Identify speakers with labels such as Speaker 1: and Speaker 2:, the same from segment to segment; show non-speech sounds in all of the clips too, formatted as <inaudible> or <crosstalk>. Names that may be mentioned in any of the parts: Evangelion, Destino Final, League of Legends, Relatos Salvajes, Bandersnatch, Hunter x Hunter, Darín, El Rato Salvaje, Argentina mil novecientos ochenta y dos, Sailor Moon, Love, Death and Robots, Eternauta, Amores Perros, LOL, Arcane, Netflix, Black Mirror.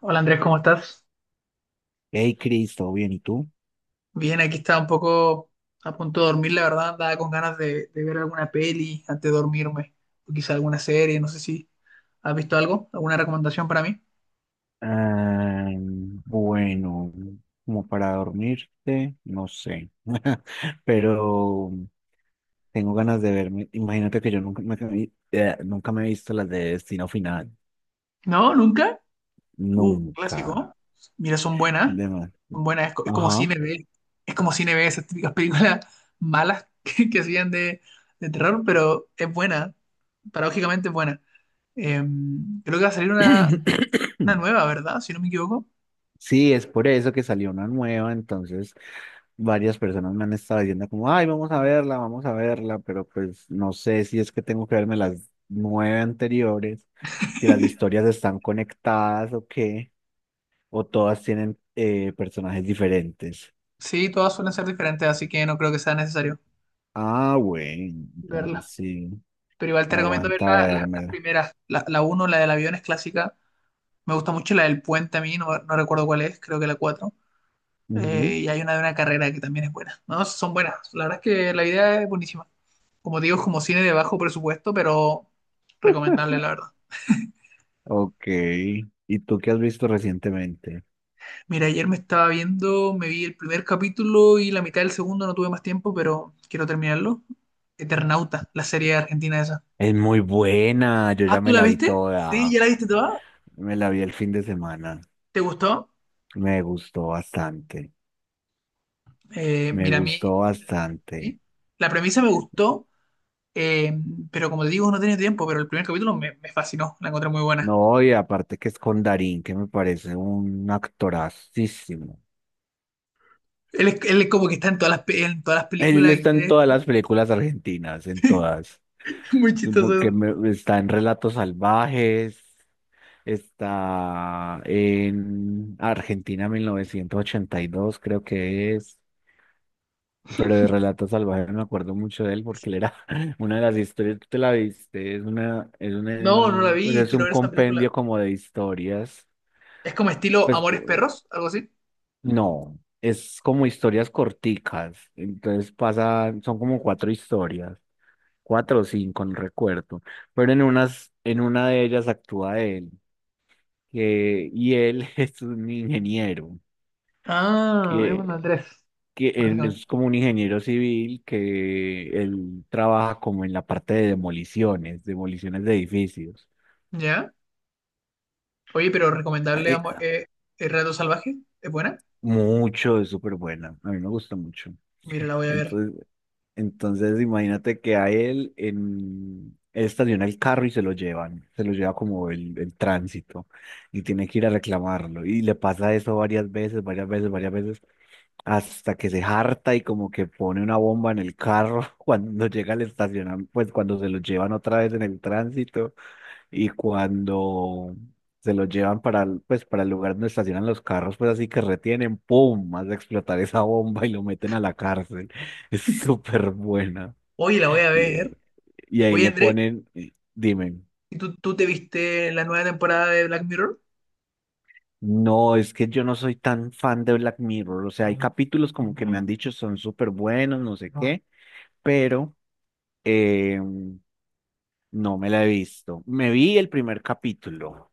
Speaker 1: Hola Andrés, ¿cómo estás?
Speaker 2: Hey, Chris, ¿todo bien? ¿Y tú?
Speaker 1: Bien, aquí estaba un poco a punto de dormir, la verdad, andaba con ganas de ver alguna peli antes de dormirme, o quizá alguna serie, no sé si has visto algo, alguna recomendación para mí.
Speaker 2: Ah, bueno, como para dormirte, no sé. <laughs> Pero tengo ganas de verme. Imagínate que yo nunca me he visto las de Destino Final,
Speaker 1: No, nunca.
Speaker 2: nunca.
Speaker 1: Clásico, ¿no? Mira,
Speaker 2: De más.
Speaker 1: son buenas, es como
Speaker 2: Ajá.
Speaker 1: cine B, esas típicas películas malas <laughs> que hacían de terror, pero es buena, paradójicamente es buena. Creo que va a salir una
Speaker 2: <clears throat>
Speaker 1: nueva, ¿verdad? Si no me equivoco.
Speaker 2: Sí, es por eso que salió una nueva, entonces varias personas me han estado diciendo como, ay, vamos a verla, pero pues no sé si es que tengo que verme las nueve anteriores, si las historias están conectadas o qué, o todas tienen personajes diferentes.
Speaker 1: Sí, todas suelen ser diferentes, así que no creo que sea necesario
Speaker 2: Ah, bueno, entonces
Speaker 1: verlas.
Speaker 2: sí,
Speaker 1: Pero igual te recomiendo ver
Speaker 2: aguanta
Speaker 1: las
Speaker 2: vérmela.
Speaker 1: primeras. La 1, la del avión es clásica. Me gusta mucho la del puente a mí, no, no recuerdo cuál es, creo que la 4.
Speaker 2: Ujú.
Speaker 1: Y hay una de una carrera que también es buena. No, son buenas. La verdad es que la idea es buenísima. Como te digo, es como cine de bajo presupuesto, pero recomendable, la verdad.
Speaker 2: Ok, ¿y tú qué has visto recientemente?
Speaker 1: Mira, ayer me estaba viendo, me vi el primer capítulo y la mitad del segundo, no tuve más tiempo, pero quiero terminarlo. Eternauta, la serie argentina esa.
Speaker 2: Es muy buena, yo
Speaker 1: Ah,
Speaker 2: ya
Speaker 1: ¿tú
Speaker 2: me
Speaker 1: la
Speaker 2: la vi
Speaker 1: viste? Sí, ¿ya
Speaker 2: toda,
Speaker 1: la viste toda?
Speaker 2: me la vi el fin de semana,
Speaker 1: ¿Te gustó?
Speaker 2: me gustó bastante. Me
Speaker 1: Mira, a mí
Speaker 2: gustó
Speaker 1: la, pre-
Speaker 2: bastante.
Speaker 1: ¿sí? La premisa me gustó, eh, pero como te digo, no tenía tiempo, pero el primer capítulo me fascinó, la encontré muy buena.
Speaker 2: No, y aparte que es con Darín, que me parece un actorazísimo.
Speaker 1: Él es como que está en todas las, pe- en todas las
Speaker 2: Él
Speaker 1: películas y
Speaker 2: está en
Speaker 1: series.
Speaker 2: todas las películas argentinas, en todas.
Speaker 1: <laughs> Muy
Speaker 2: Que
Speaker 1: chistoso.
Speaker 2: me- está en Relatos Salvajes, está en Argentina 1982 creo que es. Pero de Relatos Salvajes me acuerdo mucho de él
Speaker 1: Eso.
Speaker 2: porque él era <laughs> una de las historias. Tú te la viste,
Speaker 1: No, no la
Speaker 2: pues
Speaker 1: vi,
Speaker 2: es
Speaker 1: quiero
Speaker 2: un
Speaker 1: ver esa película.
Speaker 2: compendio como de historias.
Speaker 1: Es como estilo
Speaker 2: Pues
Speaker 1: Amores Perros, algo así.
Speaker 2: no, es como historias corticas, entonces pasa, son como cuatro historias, cuatro o cinco, no recuerdo, pero en una de ellas actúa él, y él <laughs> es un ingeniero,
Speaker 1: Ah, es un
Speaker 2: que,
Speaker 1: Andrés,
Speaker 2: que él
Speaker 1: básicamente.
Speaker 2: es como un ingeniero civil, que él trabaja como en la parte de demoliciones, demoliciones de edificios.
Speaker 1: ¿Ya? Oye, pero recomendable
Speaker 2: Eh,
Speaker 1: El Rato Salvaje, ¿es buena?
Speaker 2: mucho, es súper buena, a mí me gusta mucho.
Speaker 1: Mira, la voy a ver.
Speaker 2: Entonces, Entonces, imagínate que a él, él estaciona el carro y se lo llevan, se lo lleva como el tránsito, y tiene que ir a reclamarlo. Y le pasa eso varias veces, varias veces, varias veces, hasta que se harta y como que pone una bomba en el carro <laughs> cuando llega al estacionamiento, pues cuando se lo llevan otra vez en el tránsito, y cuando se lo llevan para el lugar donde estacionan los carros, pues así que retienen, ¡pum! Más de explotar esa bomba y lo meten a la cárcel. <laughs> Es súper buena.
Speaker 1: Oye, la voy a
Speaker 2: Y, eh,
Speaker 1: ver.
Speaker 2: y ahí
Speaker 1: Oye,
Speaker 2: le
Speaker 1: Andrés,
Speaker 2: ponen, dime.
Speaker 1: ¿y tú te viste la nueva temporada de Black Mirror?
Speaker 2: No, es que yo no soy tan fan de Black Mirror, o sea, hay capítulos como que me han dicho son súper buenos, no sé qué, pero eh, no me la he visto. Me vi el primer capítulo,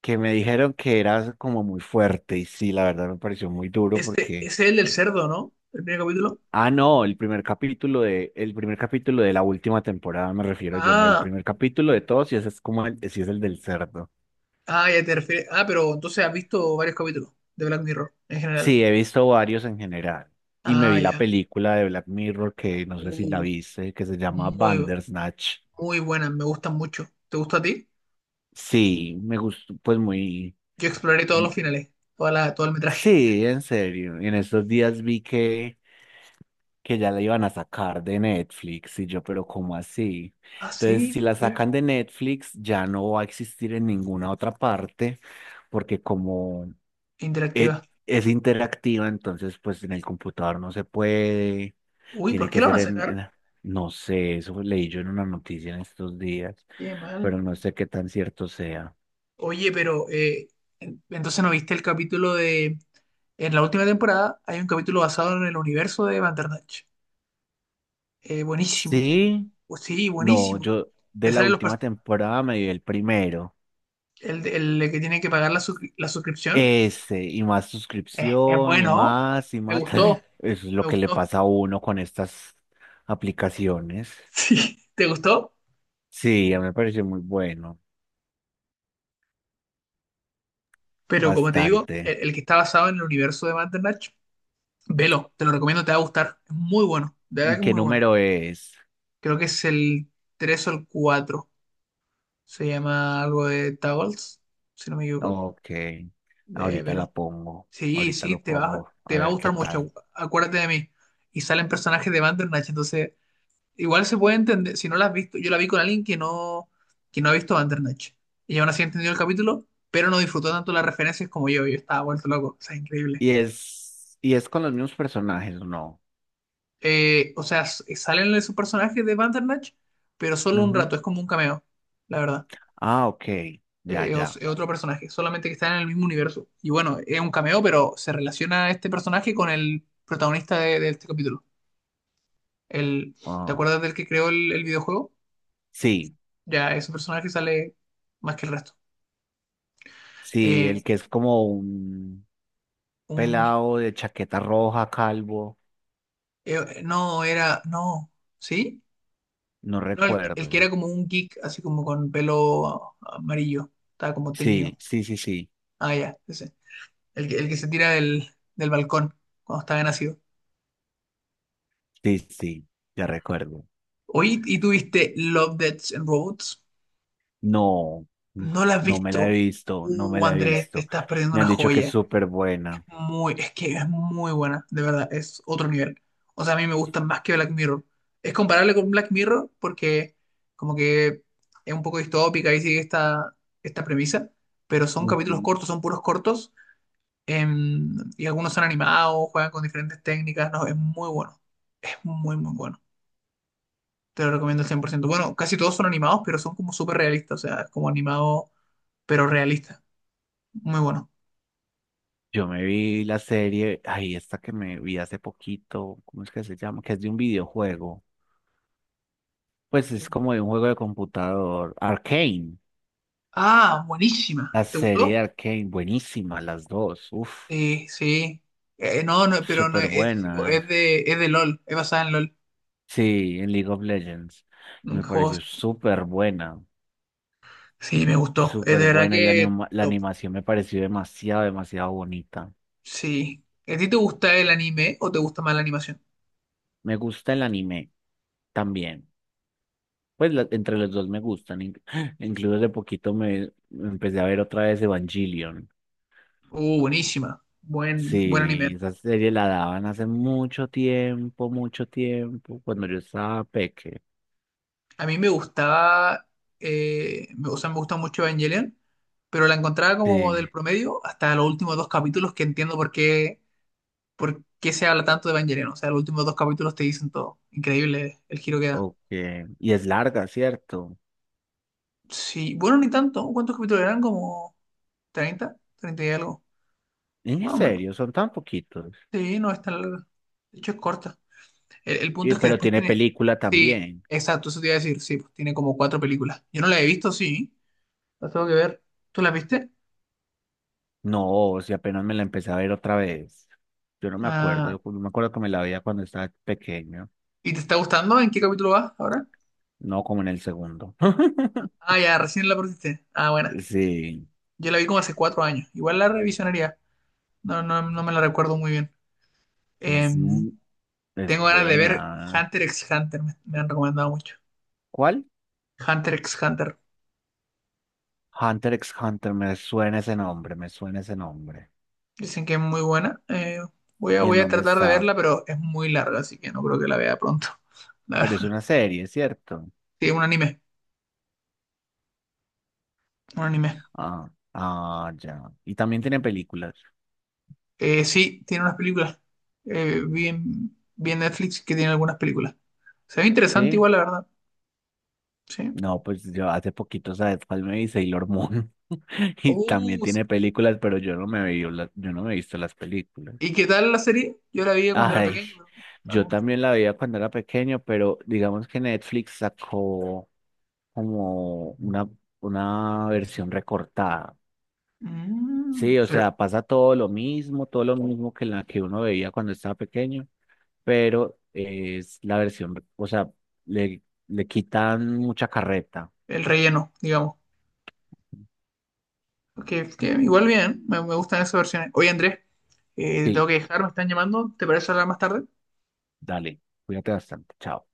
Speaker 2: que me dijeron que era como muy fuerte, y sí, la verdad me pareció muy duro
Speaker 1: Ese,
Speaker 2: porque,
Speaker 1: ese es el del cerdo, ¿no? El primer capítulo.
Speaker 2: ah, no, el primer capítulo de la última temporada me refiero yo. No, el
Speaker 1: Ah,
Speaker 2: primer capítulo de todos, y ese es como el, sí, es el del cerdo.
Speaker 1: ah, ya te refieres. Ah, pero entonces has visto varios capítulos de Black Mirror en general.
Speaker 2: Sí, he visto varios en general y me
Speaker 1: Ah,
Speaker 2: vi la
Speaker 1: ya.
Speaker 2: película de Black Mirror, que no sé si la
Speaker 1: Uh,
Speaker 2: viste, que se llama
Speaker 1: Muy,
Speaker 2: Bandersnatch.
Speaker 1: muy buenas, me gustan mucho. ¿Te gusta a ti?
Speaker 2: Sí, me gustó, pues muy.
Speaker 1: Yo exploré todos los finales, todo el metraje.
Speaker 2: Sí, en serio. Y en estos días vi que ya la iban a sacar de Netflix y yo, pero ¿cómo así?
Speaker 1: Ah,
Speaker 2: Entonces, si
Speaker 1: sí,
Speaker 2: la
Speaker 1: mira.
Speaker 2: sacan de Netflix, ya no va a existir en ninguna otra parte, porque como e-
Speaker 1: Interactiva.
Speaker 2: es interactiva, entonces pues en el computador no se puede,
Speaker 1: Uy, ¿por
Speaker 2: tiene
Speaker 1: qué
Speaker 2: que
Speaker 1: la van
Speaker 2: ser
Speaker 1: a sacar?
Speaker 2: en- no sé, eso leí yo en una noticia en estos días,
Speaker 1: Qué mal.
Speaker 2: pero no sé qué tan cierto sea.
Speaker 1: Oye, pero entonces no viste el capítulo de. En la última temporada hay un capítulo basado en el universo de Bandersnatch. Buenísimo.
Speaker 2: Sí.
Speaker 1: Pues sí,
Speaker 2: No,
Speaker 1: buenísimo.
Speaker 2: yo de
Speaker 1: Te
Speaker 2: la
Speaker 1: sale los pers-
Speaker 2: última temporada me vi el primero.
Speaker 1: el, el que tiene que pagar la suscripción.
Speaker 2: Ese, y más
Speaker 1: Es
Speaker 2: suscripción, y
Speaker 1: bueno.
Speaker 2: más, y
Speaker 1: Me
Speaker 2: más.
Speaker 1: gustó,
Speaker 2: <laughs> Eso es
Speaker 1: me
Speaker 2: lo que le
Speaker 1: gustó.
Speaker 2: pasa a
Speaker 1: <laughs>
Speaker 2: uno con estas aplicaciones.
Speaker 1: Sí, te gustó.
Speaker 2: Sí, a mí me pareció muy bueno,
Speaker 1: Pero como te digo,
Speaker 2: bastante.
Speaker 1: el que está basado en el universo de Bandersnatch, velo, te lo recomiendo, te va a gustar. Es muy bueno, de verdad
Speaker 2: ¿Y
Speaker 1: que es
Speaker 2: qué
Speaker 1: muy bueno.
Speaker 2: número es?
Speaker 1: Creo que es el 3 o el 4. Se llama algo de Tables, si no me equivoco.
Speaker 2: Ok,
Speaker 1: De
Speaker 2: ahorita la
Speaker 1: velo.
Speaker 2: pongo,
Speaker 1: Sí,
Speaker 2: ahorita
Speaker 1: sí,
Speaker 2: lo pongo, a
Speaker 1: te va a
Speaker 2: ver qué
Speaker 1: gustar
Speaker 2: tal.
Speaker 1: mucho, acuérdate de mí. Y salen personajes de Bandersnatch, entonces igual se puede entender, si no la has visto, yo la vi con alguien que no, ha visto Bandersnatch. Y aún así entendió el capítulo, pero no disfrutó tanto las referencias como yo estaba vuelto loco, o sea, increíble.
Speaker 2: Y es con los mismos personajes, ¿o no?
Speaker 1: O sea, salen esos personajes de Bandersnatch, pero solo un
Speaker 2: Ujú.
Speaker 1: rato, es como un cameo, la verdad.
Speaker 2: Ah, ok, ya, ya.
Speaker 1: Es otro personaje, solamente que está en el mismo universo. Y bueno, es un cameo, pero se relaciona este personaje con el protagonista de este capítulo. El, ¿Te
Speaker 2: Ah,
Speaker 1: acuerdas del que creó el videojuego?
Speaker 2: sí.
Speaker 1: Ya ese personaje sale más que el resto.
Speaker 2: Sí, el
Speaker 1: Eh,
Speaker 2: que es como un
Speaker 1: un,
Speaker 2: pelado de chaqueta roja, calvo,
Speaker 1: no, era, no, ¿sí?
Speaker 2: no
Speaker 1: No, el que
Speaker 2: recuerdo.
Speaker 1: era como un geek, así como con pelo amarillo, estaba como teñido.
Speaker 2: Sí, sí, sí, sí,
Speaker 1: Ah, ya, ese. El que se tira del balcón cuando estaba nacido.
Speaker 2: sí, sí, ya recuerdo.
Speaker 1: Oye, ¿y tuviste Love, Death and Robots?
Speaker 2: No, n-
Speaker 1: ¿No la has
Speaker 2: no me la he
Speaker 1: visto?
Speaker 2: visto, no me la he
Speaker 1: Andrés, te
Speaker 2: visto.
Speaker 1: estás perdiendo
Speaker 2: Me
Speaker 1: una
Speaker 2: han dicho que es
Speaker 1: joya.
Speaker 2: súper buena.
Speaker 1: Es que es muy buena, de verdad, es otro nivel. O sea, a mí me gusta más que Black Mirror. Es comparable con Black Mirror porque como que es un poco distópica y sigue esta premisa, pero son capítulos
Speaker 2: Ujú.
Speaker 1: cortos, son puros cortos, y algunos son animados, juegan con diferentes técnicas, no, es muy bueno, es muy, muy bueno. Te lo recomiendo al 100%. Bueno, casi todos son animados, pero son como súper realistas, o sea, es como animado, pero realista. Muy bueno.
Speaker 2: Yo me vi la serie, ay, esta que me vi hace poquito, ¿cómo es que se llama? Que es de un videojuego. Pues
Speaker 1: ¿Te
Speaker 2: es
Speaker 1: gu-
Speaker 2: como de un juego de computador, Arcane.
Speaker 1: Ah, buenísima.
Speaker 2: La
Speaker 1: ¿Te
Speaker 2: serie
Speaker 1: gustó?
Speaker 2: de Arcane, buenísima, las dos, uf,
Speaker 1: Sí, sí. No, no, pero no
Speaker 2: súper
Speaker 1: es, sí,
Speaker 2: buenas.
Speaker 1: es de LOL, es basada en LOL.
Speaker 2: Sí, en League of Legends. Y
Speaker 1: Un
Speaker 2: me
Speaker 1: juego-
Speaker 2: pareció súper buena,
Speaker 1: Sí, me gustó. Es
Speaker 2: súper
Speaker 1: de verdad
Speaker 2: buena. Y la,
Speaker 1: que
Speaker 2: anima- la
Speaker 1: top.
Speaker 2: animación me pareció demasiado, demasiado bonita.
Speaker 1: Sí. ¿A ti te gusta el anime o te gusta más la animación?
Speaker 2: Me gusta el anime también. Pues entre los dos me gustan. <gasps> Incluso de poquito me empecé a ver otra vez Evangelion.
Speaker 1: Buenísima. Buen anime.
Speaker 2: Sí, esa serie la daban hace mucho tiempo, cuando yo estaba peque.
Speaker 1: A mí me gustaba, o sea, me gusta mucho Evangelion, pero la encontraba como
Speaker 2: Sí,
Speaker 1: del promedio hasta los últimos dos capítulos que entiendo por qué, se habla tanto de Evangelion. O sea, los últimos dos capítulos te dicen todo. Increíble el giro que da.
Speaker 2: ok. Y es larga, ¿cierto?
Speaker 1: Sí, bueno, ni tanto. ¿Cuántos capítulos eran? ¿Como 30, 30 y algo?
Speaker 2: En
Speaker 1: Más o menos.
Speaker 2: serio, son tan poquitos.
Speaker 1: Sí, no es tan larga. De hecho, es corta. El punto es que
Speaker 2: Pero
Speaker 1: después
Speaker 2: tiene
Speaker 1: tiene.
Speaker 2: película
Speaker 1: Sí,
Speaker 2: también.
Speaker 1: exacto, eso te iba a decir. Sí, pues tiene como cuatro películas. Yo no la he visto, sí. La tengo que ver. ¿Tú la viste?
Speaker 2: No, si apenas me la empecé a ver otra vez. Yo no me acuerdo,
Speaker 1: Ah,
Speaker 2: yo me acuerdo que me la veía cuando estaba pequeño,
Speaker 1: ¿y te está gustando? ¿En qué capítulo vas ahora?
Speaker 2: no, como en el segundo. <laughs>
Speaker 1: Ah, ya, recién la pusiste. Ah, buena.
Speaker 2: Sí,
Speaker 1: Yo la vi como hace 4 años. Igual la revisionaría. No, no, no me la recuerdo muy bien.
Speaker 2: es,
Speaker 1: Em,
Speaker 2: mu- es
Speaker 1: Tengo ganas de ver
Speaker 2: buena.
Speaker 1: Hunter x Hunter. Me han recomendado mucho.
Speaker 2: ¿Cuál?
Speaker 1: Hunter x Hunter.
Speaker 2: Hunter x Hunter, me suena ese nombre, me suena ese nombre.
Speaker 1: Dicen que es muy buena. Voy a,
Speaker 2: ¿Y en
Speaker 1: voy a
Speaker 2: dónde
Speaker 1: tratar de
Speaker 2: está?
Speaker 1: verla, pero es muy larga, así que no creo que la vea pronto. <laughs> La
Speaker 2: Pero es
Speaker 1: verdad.
Speaker 2: una serie, ¿cierto?
Speaker 1: Sí, un anime, un anime.
Speaker 2: Ah, ah, ya. Y también tiene películas,
Speaker 1: Sí, tiene unas películas. Vi en Netflix que tiene algunas películas. Se ve interesante
Speaker 2: ¿sí?
Speaker 1: igual, la verdad. Sí.
Speaker 2: No, pues yo hace poquito, ¿sabes cuál me vi? Sailor Moon. <laughs>
Speaker 1: Uh,
Speaker 2: Y también tiene películas, pero yo no me vi, yo no me he visto las películas.
Speaker 1: ¿Y qué tal la serie? Yo la vi cuando era
Speaker 2: Ay,
Speaker 1: pequeño, pero
Speaker 2: yo
Speaker 1: algunas.
Speaker 2: también la veía cuando era pequeño, pero digamos que Netflix sacó como una, versión recortada. Sí, o
Speaker 1: Pero
Speaker 2: sea, pasa todo lo mismo que la que uno veía cuando estaba pequeño, pero es la versión, o sea, le, le quitan mucha carreta.
Speaker 1: el relleno, digamos. Que igual bien, me gustan esas versiones. Oye, Andrés, tengo
Speaker 2: Sí.
Speaker 1: que dejar, me están llamando. ¿Te parece hablar más tarde?
Speaker 2: Dale, cuídate bastante. Chao.